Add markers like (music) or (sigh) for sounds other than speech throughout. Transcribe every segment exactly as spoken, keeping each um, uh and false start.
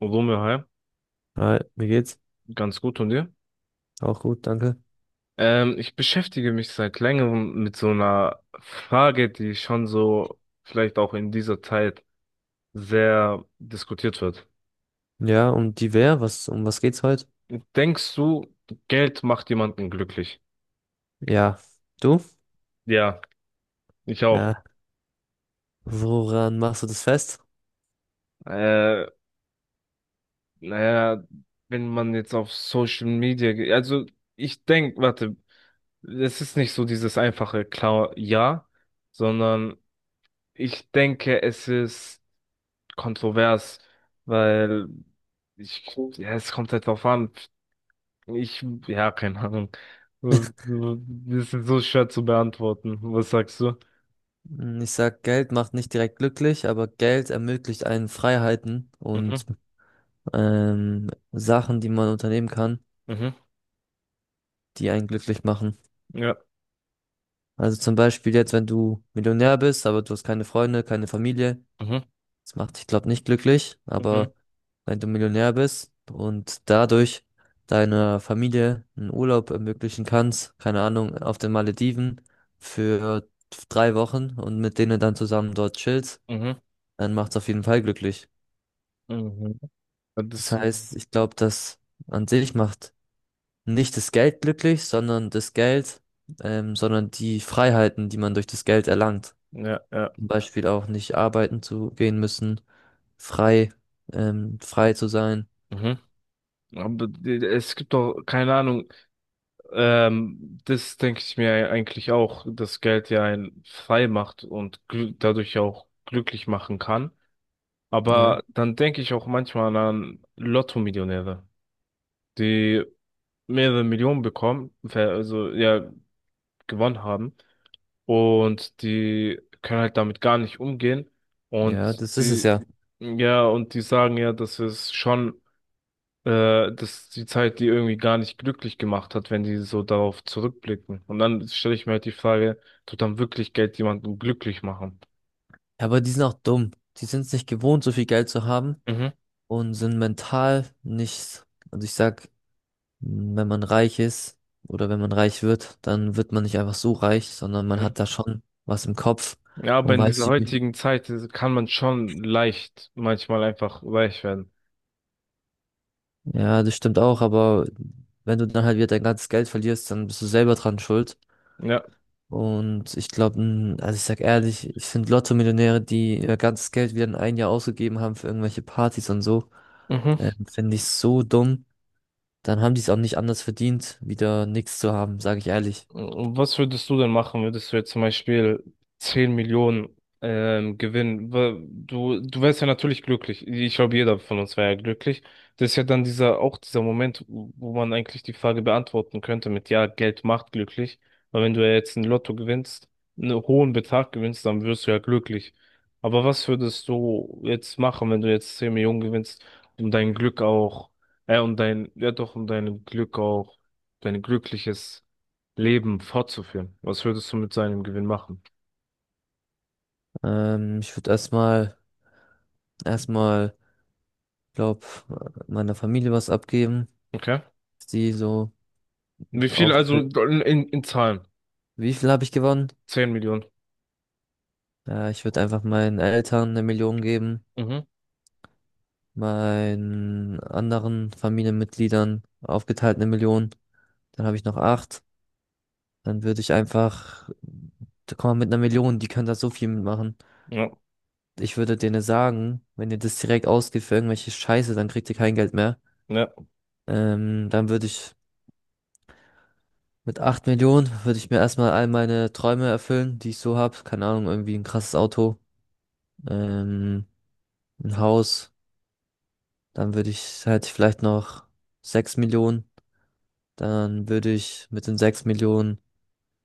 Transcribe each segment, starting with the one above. Romeo, hi. Hi, mir geht's. Ganz gut und dir? Auch gut, danke. Ähm, ich beschäftige mich seit längerem mit so einer Frage, die schon so vielleicht auch in dieser Zeit sehr diskutiert wird. Ja, um die Wehr, was, um was geht's heute? Denkst du, Geld macht jemanden glücklich? Ja, du? Ja, ich auch. Ja, woran machst du das fest? Äh, naja, wenn man jetzt auf Social Media geht, also ich denke, warte, es ist nicht so dieses einfache klar Ja, sondern ich denke, es ist kontrovers, weil ich, ja, es kommt halt drauf an. Ich, ja, keine Ahnung. Das ist so schwer zu beantworten. Was sagst du? Hm, Ich sag, Geld macht nicht direkt glücklich, aber Geld ermöglicht einen Freiheiten und Mhm, ähm, Sachen, die man unternehmen kann, mhm, die einen glücklich machen. ja, Also zum Beispiel jetzt, wenn du Millionär bist, aber du hast keine Freunde, keine Familie. mhm, Das macht dich, glaube nicht glücklich, mhm, aber wenn du Millionär bist und dadurch deiner Familie einen Urlaub ermöglichen kannst, keine Ahnung, auf den Malediven für drei Wochen und mit denen dann zusammen dort chillst, mhm, dann macht's auf jeden Fall glücklich. mhm. Das Das, heißt, ich glaube, dass an sich macht nicht das Geld glücklich, sondern das Geld, ähm, sondern die Freiheiten, die man durch das Geld erlangt. ja, ja, Zum Beispiel auch nicht arbeiten zu gehen müssen, frei, ähm, frei zu sein. mhm. Aber d- es gibt doch, keine Ahnung, ähm, das denke ich mir eigentlich auch, dass Geld ja einen frei macht und glü- dadurch auch glücklich machen kann. Ja, Aber dann denke ich auch manchmal an Lotto-Millionäre, die mehrere Millionen bekommen, ver- also ja, gewonnen haben und die können halt damit gar nicht umgehen ja, und das ist es die, ja. ja, und die sagen ja, dass es schon, äh, dass die Zeit die irgendwie gar nicht glücklich gemacht hat, wenn die so darauf zurückblicken. Und dann stelle ich mir halt die Frage, tut dann wirklich Geld jemanden glücklich machen? Ja, aber die sind auch dumm. Die sind es nicht gewohnt, so viel Geld zu haben Mhm. und sind mental nicht. Also ich sag, wenn man reich ist oder wenn man reich wird, dann wird man nicht einfach so reich, sondern man hat da schon was im Kopf Ja, aber und in weiß, dieser wie- heutigen Zeit äh, kann man schon leicht, manchmal einfach weich werden. ja, das stimmt auch, aber wenn du dann halt wieder dein ganzes Geld verlierst, dann bist du selber dran schuld. Ja. Und ich glaube, also ich sag ehrlich, ich finde Lotto-Millionäre, die ihr ganzes Geld wieder in ein Jahr ausgegeben haben für irgendwelche Partys und so, Mhm. ähm, finde ich so dumm. Dann haben die es auch nicht anders verdient, wieder nichts zu haben, sage ich ehrlich. Was würdest du denn machen, würdest du jetzt zum Beispiel zehn Millionen ähm, gewinnen? Wa- Du, du wärst ja natürlich glücklich. Ich glaube, jeder von uns wäre ja glücklich. Das ist ja dann dieser, auch dieser Moment, wo wo man eigentlich die Frage beantworten könnte mit, ja, Geld macht glücklich. Weil wenn du ja jetzt ein Lotto gewinnst, einen hohen Betrag gewinnst, dann wirst du ja glücklich. Aber was würdest du jetzt machen, wenn du jetzt zehn Millionen gewinnst, um dein Glück auch, äh, um dein, ja doch, um dein Glück auch, dein glückliches Leben fortzuführen? Was würdest du mit seinem Gewinn machen? Ähm, ich würde erstmal, erstmal, glaub, meiner Familie was abgeben, Okay. die so Wie viel auch. also in, in Zahlen? Wie viel habe ich gewonnen? Zehn Millionen. Ja, ich würde einfach meinen Eltern eine Million geben, Mhm. meinen anderen Familienmitgliedern aufgeteilt eine Million. Dann habe ich noch acht. Dann würde ich einfach, da kann man mit einer Million, die können da so viel mitmachen. Ja. Ich würde denen sagen, wenn ihr das direkt ausgibt für irgendwelche Scheiße, dann kriegt ihr kein Geld mehr. Ja. Ähm, dann würde ich mit acht Millionen, würde ich mir erstmal all meine Träume erfüllen, die ich so habe. Keine Ahnung, irgendwie ein krasses Auto, ähm, ein Haus. Dann würde ich halt vielleicht noch sechs Millionen. Dann würde ich mit den sechs Millionen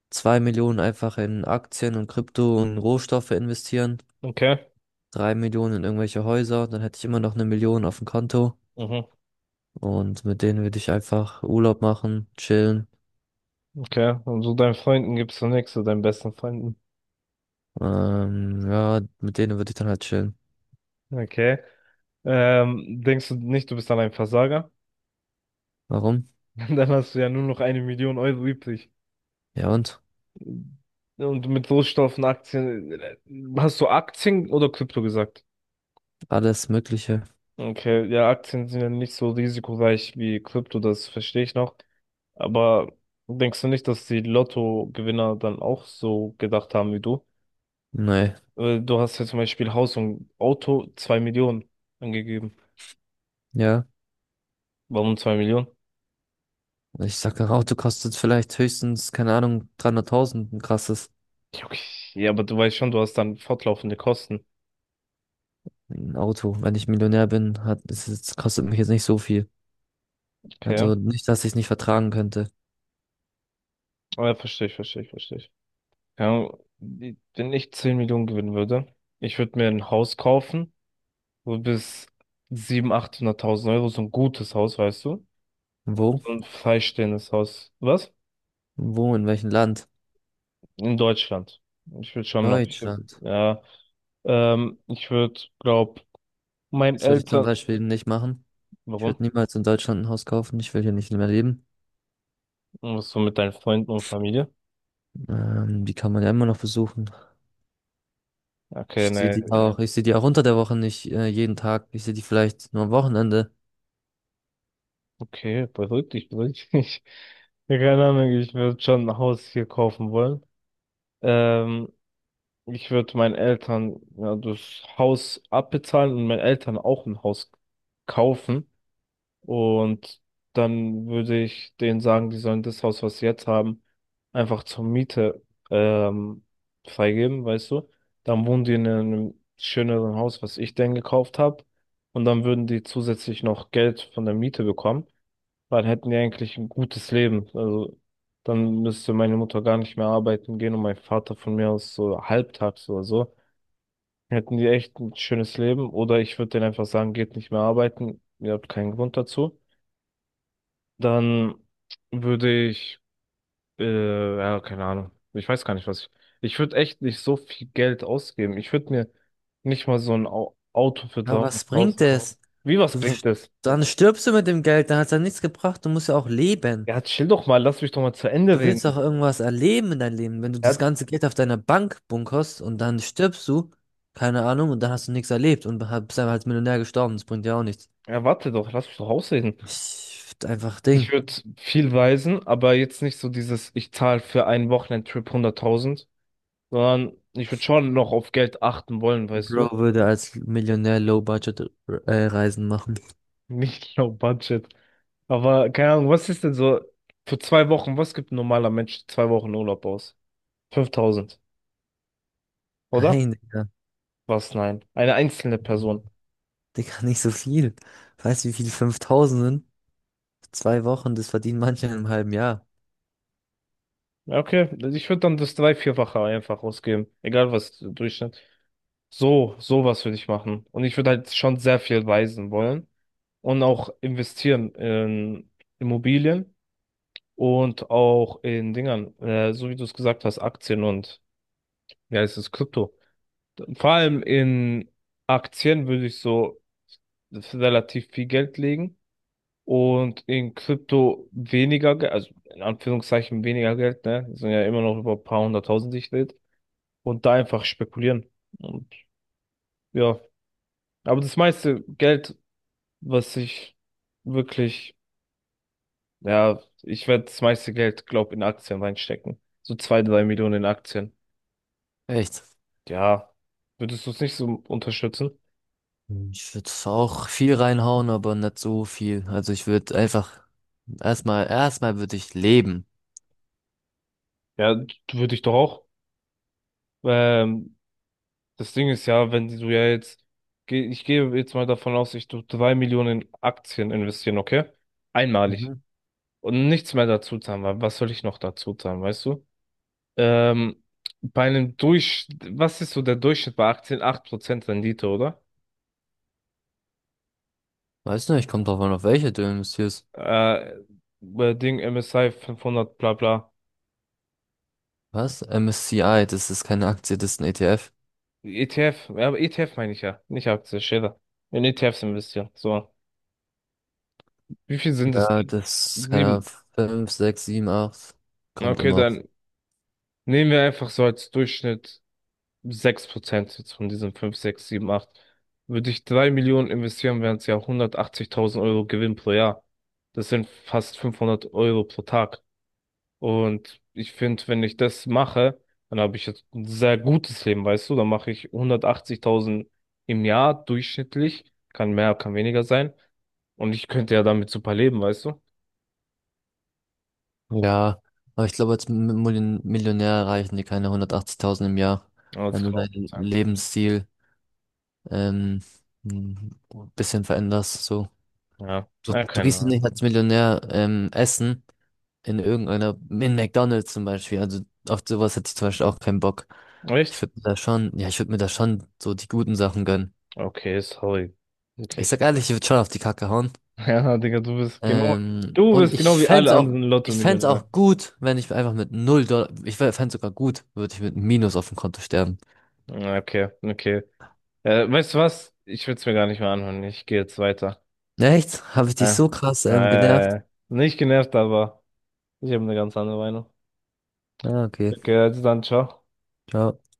zwei Millionen einfach in Aktien und Krypto und Rohstoffe investieren. Okay. Drei Millionen in irgendwelche Häuser, dann hätte ich immer noch eine Million auf dem Konto, Mhm. und mit denen würde ich einfach Urlaub machen, chillen. Okay. Und so deinen Freunden gibst du nichts, so deinen besten Freunden. Ähm, ja, mit denen würde ich dann halt chillen. Okay. Ähm, denkst du nicht, du bist dann ein Versager? Warum? (laughs) Dann hast du ja nur noch eine Million Euro übrig. Ja und? Und mit Rohstoffen, Aktien, äh, hast du Aktien oder Krypto gesagt? Alles Mögliche. Okay, ja, Aktien sind ja nicht so risikoreich wie Krypto, das verstehe ich noch. Aber denkst du nicht, dass die Lottogewinner dann auch so gedacht haben wie du? Nee, Äh, Du hast ja zum Beispiel Haus und Auto zwei Millionen angegeben. ja. Warum zwei Millionen? Ich sag, ein Auto kostet vielleicht höchstens, keine Ahnung, dreihunderttausend, ein krasses Ja, okay, ja, aber du weißt schon, du hast dann fortlaufende Kosten. ein Auto. Wenn ich Millionär bin, hat, ist es, kostet mich jetzt nicht so viel. Okay. Also nicht, dass ich es nicht vertragen könnte. Aber ja, verstehe ich, verstehe ich, verstehe ich. Ja, wenn ich zehn Millionen gewinnen würde, ich würde mir ein Haus kaufen, wo bis siebenhunderttausend, achthunderttausend Euro, so ein gutes Haus, weißt du? Wo? So ein freistehendes Haus. Was? Wo? In welchem Land? In Deutschland. Ich würde schon noch, ich, Deutschland. ja, ähm, ich würde, glaub, meinen Das würde ich zum Eltern, Beispiel nicht machen. Ich warum? würde niemals in Deutschland ein Haus kaufen. Ich will hier nicht mehr leben. Was so mit deinen Freunden und Familie? Ähm, die kann man ja immer noch besuchen. Ich Okay, sehe ne, die auch, ich sehe die auch unter der Woche nicht äh, jeden Tag. Ich sehe die vielleicht nur am Wochenende. okay, beruhig dich, beruhig dich. (laughs) Ja, keine Ahnung, ich würde schon ein Haus hier kaufen wollen. Ähm, ich würde meinen Eltern, ja, das Haus abbezahlen und meinen Eltern auch ein Haus kaufen. Und dann würde ich denen sagen, die sollen das Haus, was sie jetzt haben, einfach zur Miete ähm, freigeben, weißt du? Dann wohnen die in einem schöneren Haus, was ich denen gekauft habe. Und dann würden die zusätzlich noch Geld von der Miete bekommen. Dann hätten die eigentlich ein gutes Leben. Also dann müsste meine Mutter gar nicht mehr arbeiten gehen und mein Vater von mir aus so halbtags oder so. Hätten die echt ein schönes Leben. Oder ich würde denen einfach sagen, geht nicht mehr arbeiten. Ihr habt keinen Grund dazu. Dann würde ich, äh, ja, keine Ahnung. Ich weiß gar nicht, was ich. Ich würde echt nicht so viel Geld ausgeben. Ich würde mir nicht mal so ein Au Auto für Aber was bringt dreihunderttausend kaufen. es? Wie, was Du, bringt st- das? Dann stirbst du mit dem Geld, dann hat es ja nichts gebracht. Du musst ja auch leben. Ja, chill doch mal, lass mich doch mal zu Ende Du willst reden. auch irgendwas erleben in deinem Leben. Wenn du das Ja, ganze Geld auf deiner Bank bunkerst und dann stirbst du, keine Ahnung, und dann hast du nichts erlebt und ha- bist einfach als Millionär gestorben. Das bringt ja auch nichts. ja, warte doch, lass mich doch ausreden. Ich, einfach Ding. Ich würde viel reisen, aber jetzt nicht so dieses, ich zahle für einen Wochenendtrip hunderttausend, sondern ich würde schon noch auf Geld achten wollen, weißt du? Bro würde als Millionär Low-Budget-Reisen machen. Nicht low budget. Aber keine Ahnung, was ist denn so für zwei Wochen, was gibt ein normaler Mensch zwei Wochen Urlaub aus? Fünftausend, oder? Nein, Digga. Was? Nein. Eine einzelne Person. Digga, nicht so viel. Weißt du, wie viel fünftausend sind? Zwei Wochen, das verdienen manche in einem halben Jahr. Ja, okay, ich würde dann das drei, vierfache einfach ausgeben. Egal was Durchschnitt. So, sowas würde ich machen. Und ich würde halt schon sehr viel reisen wollen und auch investieren in Immobilien und auch in Dingern, äh, so wie du es gesagt hast, Aktien und, wie heißt es, Krypto. Vor allem in Aktien würde ich so relativ viel Geld legen und in Krypto weniger Geld, also in Anführungszeichen weniger Geld, ne? Das sind ja immer noch über ein paar hunderttausend, die ich rede. Und da einfach spekulieren. Und ja, aber das meiste Geld, was ich wirklich, ja, ich werde das meiste Geld, glaub, in Aktien reinstecken. So zwei, drei Millionen in Aktien. Echt? Ja, würdest du es nicht so unterstützen? Mhm. Ich würde auch viel reinhauen, aber nicht so viel. Also ich würde einfach erstmal, erstmal würde ich leben. Ja, würde ich doch auch. Ähm, Das Ding ist ja, wenn du ja jetzt, geh- ich gehe jetzt mal davon aus, ich tu drei Millionen Aktien investieren, okay? Einmalig. Mhm. Und nichts mehr dazu zahlen, weil was soll ich noch dazu zahlen, weißt du? Ähm, bei einem Durch, was ist so der Durchschnitt bei Aktien? acht Prozent Rendite, oder? Weiß nicht, kommt drauf an, auf welche du investierst. Äh, bei Ding M S C I fünfhundert, bla bla. Was? M S C I, das ist keine Aktie, das ist ein E T F. E T F, ja, aber E T F meine ich ja, nicht Aktie, Schäfer. In E T Fs investieren, so. Wie viel sind es? Ja, denn? das, keine Ahnung, Sieben. fünf, sechs, sieben, acht. Kommt Okay, immer auf. dann nehmen wir einfach so als Durchschnitt. Sechs Prozent jetzt von diesen fünf sechs sieben acht würde ich drei Millionen investieren, wären es ja hundertachtzigtausend Euro Gewinn pro Jahr. Das sind fast fünfhundert Euro pro Tag. Und ich finde, wenn ich das mache, dann habe ich jetzt ein sehr gutes Leben, weißt du? Dann mache ich hundertachtzigtausend im Jahr durchschnittlich. Kann mehr, kann weniger sein. Und ich könnte ja damit super leben, weißt du? Ja, aber ich glaube, als M- Millionär Millionär erreichen die keine hundertachtzigtausend im Jahr, Aber das wenn du kann auch deinen sein. Lebensstil ähm, ein bisschen veränderst. So. Ja, Du, na, du keine gehst ja Ahnung. nicht als Millionär ähm, essen in irgendeiner, in McDonald's zum Beispiel. Also auf sowas hätte ich zum Beispiel auch keinen Bock. Ich Echt? würde mir da schon, ja, ich würde mir da schon so die guten Sachen gönnen. Okay, sorry. Ich sag Wirklich. ehrlich, ich würde schon auf die Kacke hauen. (laughs) Ja, Digga, du bist genau, Ähm, du Und bist ich genau wie fänd's alle auch, anderen ich fänd's Lotto-Millionäre. auch gut, wenn ich einfach mit null Dollar, ich fänd's sogar gut, würde ich mit einem Minus auf dem Konto sterben. Ja, okay, okay. Äh, weißt du was? Ich will's mir gar nicht mehr anhören. Ich gehe jetzt weiter. Echt? Habe ich dich Äh, so krass ähm, genervt? äh, nicht genervt, aber ich habe eine ganz andere Meinung. Ja, okay. Okay, also dann, ciao. Ciao.